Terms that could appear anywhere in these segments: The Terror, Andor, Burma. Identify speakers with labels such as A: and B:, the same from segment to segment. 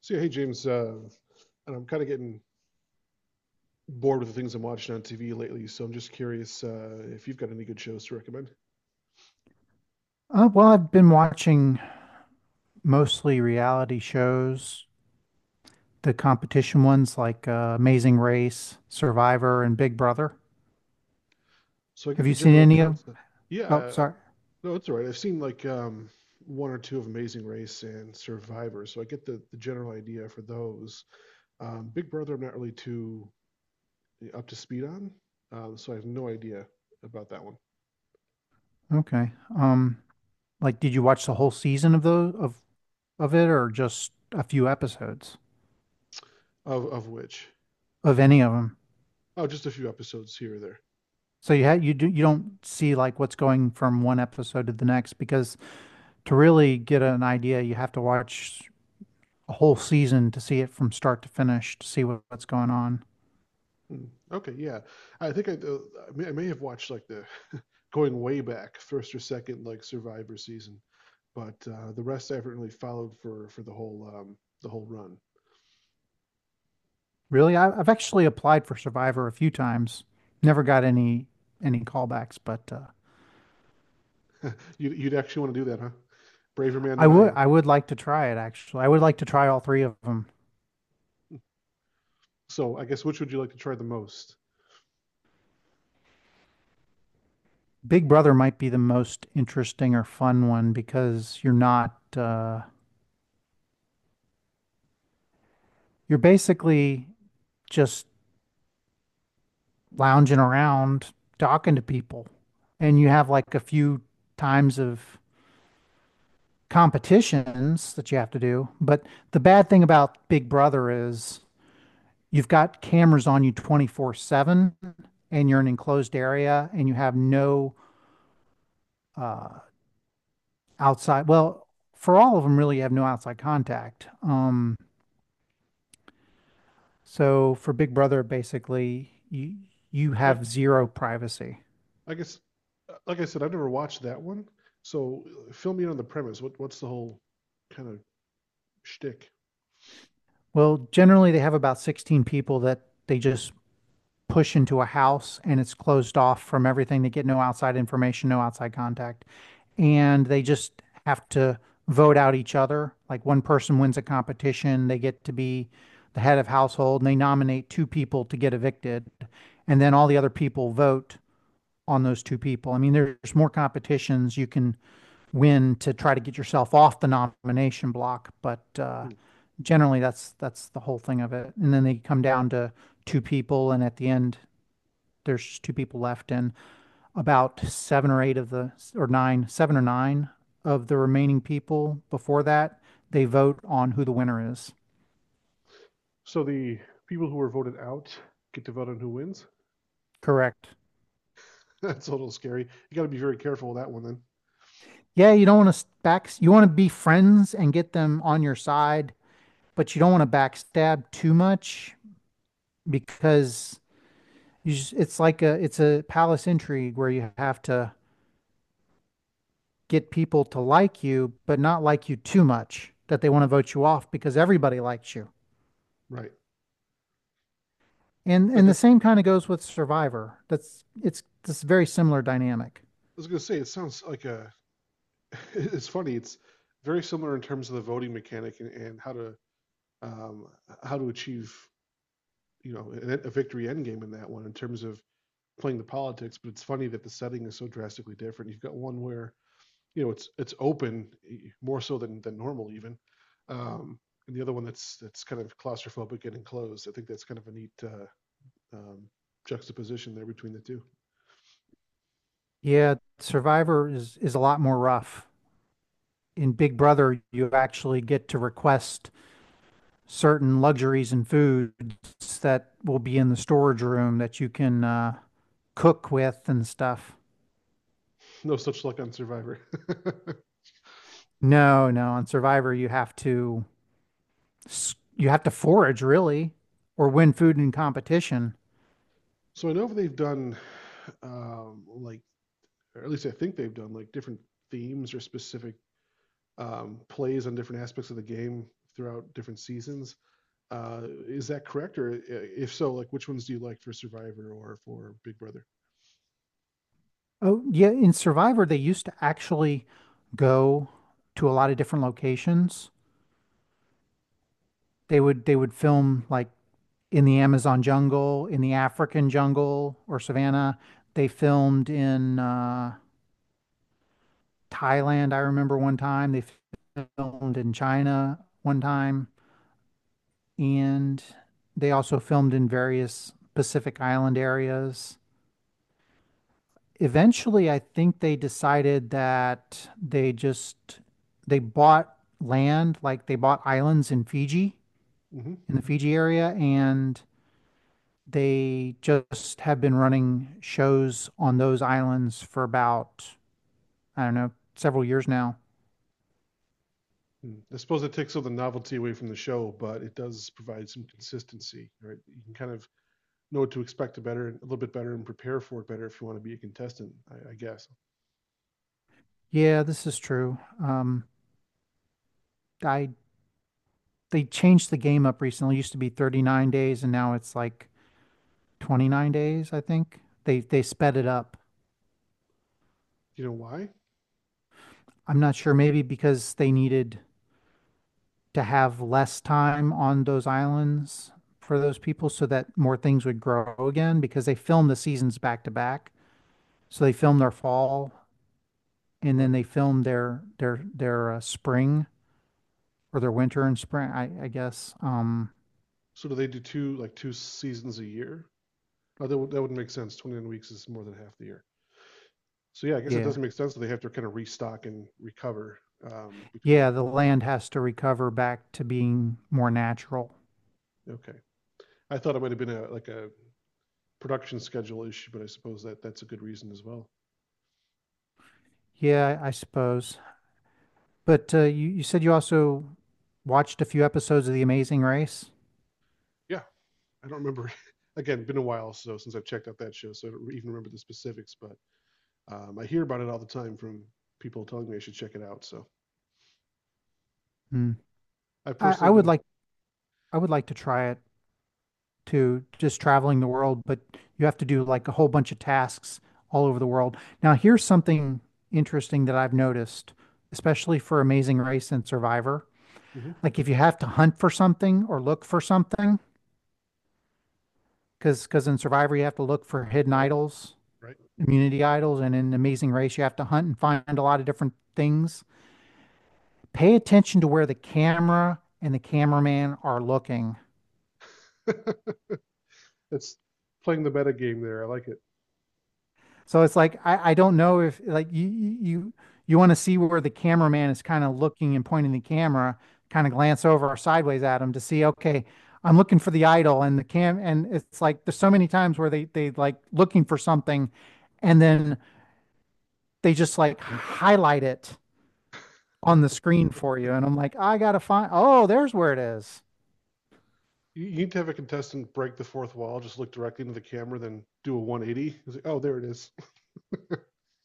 A: So yeah, hey, James, and I'm kind of getting bored with the things I'm watching on TV lately, so I'm just curious if you've got any good shows to recommend.
B: Well, I've been watching mostly reality shows, the competition ones like Amazing Race, Survivor, and Big Brother.
A: So I get
B: Have
A: the
B: you seen
A: general
B: any of?
A: concept. Yeah,
B: Oh, sorry.
A: no, it's all right. I've seen like one or two of Amazing Race and Survivor, so I get the general idea for those. Big Brother, I'm not really too up to speed on, so I have no idea about that one.
B: Okay. Um, like, did you watch the whole season of those of it, or just a few episodes
A: Of which,
B: of any of them?
A: oh, just a few episodes here or there.
B: So you had you do you don't see like what's going from one episode to the next, because to really get an idea, you have to watch a whole season to see it from start to finish to see what's going on.
A: Mm, okay, yeah. I think I may have watched like the going way back first or second like Survivor season, but the rest I haven't really followed for the whole run.
B: Really? I've actually applied for Survivor a few times. Never got any callbacks, but
A: You'd actually want to do that, huh? Braver man
B: I
A: than I
B: would
A: am.
B: I would like to try it actually. I would like to try all three of them.
A: So I guess which would you like to try the most?
B: Big Brother might be the most interesting or fun one because you're not you're basically just lounging around talking to people, and you have like a few times of competitions that you have to do. But the bad thing about Big Brother is you've got cameras on you 24/7, and you're in an enclosed area and you have no uh, outside well for all of them really you have no outside contact, so for Big Brother basically you
A: Like
B: have zero privacy.
A: I guess, like I said, I've never watched that one. So fill me in on the premise. What's the whole kind of shtick?
B: Well, generally they have about 16 people that they just push into a house, and it's closed off from everything. They get no outside information, no outside contact. And they just have to vote out each other. Like, one person wins a competition, they get to be the head of household and they nominate two people to get evicted. And then all the other people vote on those two people. I mean, there's more competitions you can win to try to get yourself off the nomination block, but
A: Hmm.
B: generally that's the whole thing of it. And then they come down to two people, and at the end, there's two people left and about seven or eight of seven or nine of the remaining people before that, they vote on who the winner is.
A: So the people who were voted out get to vote on who wins.
B: Correct.
A: That's a little scary. You got to be very careful with that one then.
B: Yeah, you don't want to back you want to be friends and get them on your side, but you don't want to backstab too much, because it's like a it's a palace intrigue where you have to get people to like you but not like you too much that they want to vote you off because everybody likes you.
A: Right.
B: And
A: Like
B: and the
A: I
B: same kind of goes with Survivor. That's It's this very similar dynamic.
A: was going to say, it sounds like a, it's funny. It's very similar in terms of the voting mechanic and how to, um, achieve, a victory end game in that one in terms of playing the politics. But it's funny that the setting is so drastically different. You've got one where, it's open more so than normal even. Um, and the other one that's kind of claustrophobic and enclosed. I think that's kind of a neatum, juxtaposition there between the two.
B: Yeah, Survivor is a lot more rough. In Big Brother, you actually get to request certain luxuries and foods that will be in the storage room that you can cook with and stuff.
A: No such luck on Survivor.
B: No, no, on Survivor you have to you have to forage really, or win food in competition.
A: So I know they've done, like, or at least I think they've done like different themes or specific plays on different aspects of the game throughout different seasons. Uh, is that correct, or if so, like which ones do you like for Survivor or for Big Brother?
B: Oh, yeah. In Survivor, they used to actually go to a lot of different locations. They would film like in the Amazon jungle, in the African jungle or savannah. They filmed in Thailand, I remember one time. They filmed in China one time, and they also filmed in various Pacific Island areas. Eventually I think they decided that they bought land, like they bought islands in Fiji,
A: Mm-hmm.
B: in the Fiji area, and they just have been running shows on those islands for about, I don't know, several years now.
A: I suppose it takes all the novelty away from the show, but it does provide some consistency, right? You can kind of know what to expect a little bit better, and prepare for it better if you want to be a contestant. I guess.
B: Yeah, this is true. I They changed the game up recently. It used to be 39 days and now it's like 29 days, I think. They sped it up.
A: You know why?
B: I'm not sure, maybe because they needed to have less time on those islands for those people so that more things would grow again, because they film the seasons back to back. So they film their fall and then
A: Right.
B: they film their spring, or their winter and spring, I guess.
A: So do they do two seasons a year? Oh, that would make sense. 29 weeks is more than half the year. So yeah, I guess it
B: Yeah.
A: doesn't make sense that they have to kind of restock and recover between each.
B: Yeah, the land has to recover back to being more natural.
A: Okay. I thought it might have been a like a production schedule issue, but I suppose that that's a good reason as well.
B: Yeah, I suppose. But you said you also watched a few episodes of The Amazing Race.
A: Yeah, I don't remember. Again, been a while so since I've checked out that show, so I don't even remember the specifics. But I hear about it all the time from people telling me I should check it out. So
B: Hmm.
A: I've
B: I, I
A: personally
B: would
A: been.
B: like I would like to try it, to just traveling the world, but you have to do like a whole bunch of tasks all over the world. Now, here's something interesting that I've noticed, especially for Amazing Race and Survivor.
A: Mhm,
B: Like if you have to hunt for something or look for something, because in Survivor you have to look for hidden
A: right,
B: idols,
A: right.
B: immunity idols, and in Amazing Race you have to hunt and find a lot of different things. Pay attention to where the camera and the cameraman are looking.
A: It's playing the meta game there. I like it.
B: So it's like, I don't know, if like want to see where the cameraman is kind of looking and pointing the camera, kind of glance over or sideways at him to see, okay, I'm looking for the idol and the cam and it's like there's so many times where they like looking for something and then they just like highlight it on the screen for you and I'm like, I gotta find, oh, there's where it is.
A: You need to have a contestant break the fourth wall, just look directly into the camera, then do a 180. It's like, oh, there it is.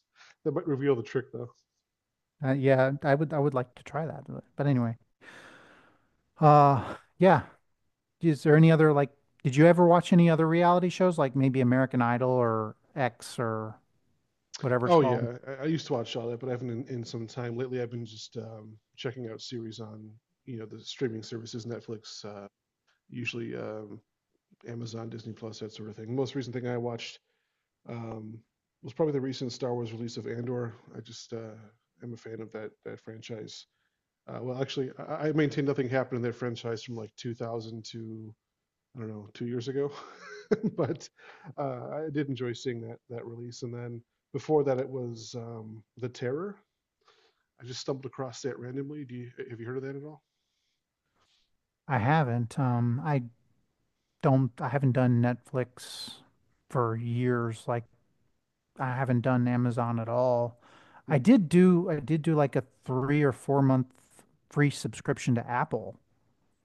A: That might reveal the trick, though.
B: Yeah, I would like to try that. But anyway. Uh yeah, Is there any other, like did you ever watch any other reality shows like maybe American Idol or X or whatever it's
A: Oh
B: called?
A: yeah, I used to watch all that, but I haven't in some time. Lately, I've been just checking out series on the streaming services, Netflix, usually Amazon, Disney Plus, that sort of thing. The most recent thing I watched um, was probably the recent Star Wars release of Andor. I just am a fan of that franchise. Well, actually, I maintain nothing happened in that franchise from like 2000 to I don't know 2 years ago, but I did enjoy seeing that release. And then before that, it was The Terror. I just stumbled across that randomly. Do you Have you heard of that at all?
B: I haven't. I don't I haven't done Netflix for years. Like I haven't done Amazon at all.
A: Hmm.
B: I did do like a 3 or 4 month free subscription to Apple.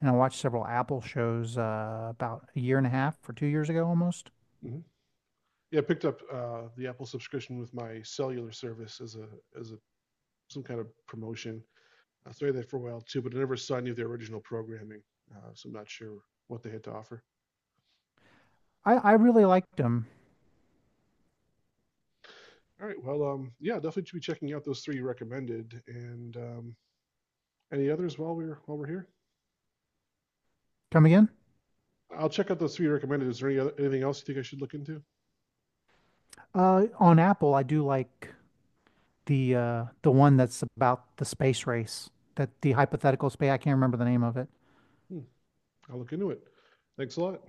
B: And I watched several Apple shows about a year and a half or 2 years ago almost.
A: Mm-hmm. Yeah, I picked up the Apple subscription with my cellular service as a as a some kind of promotion. I was that for a while too, but I never saw any of their original programming, so I'm not sure what they had to offer.
B: I really liked them.
A: All right, well, yeah, definitely should be checking out those three you recommended, and any others while we're here.
B: Come again?
A: I'll check out those three you recommended. Is there anything else you think I should look into?
B: On Apple, I do like the one that's about the space race. That the hypothetical space. I can't remember the name of it.
A: Hmm, I'll look into it. Thanks a lot.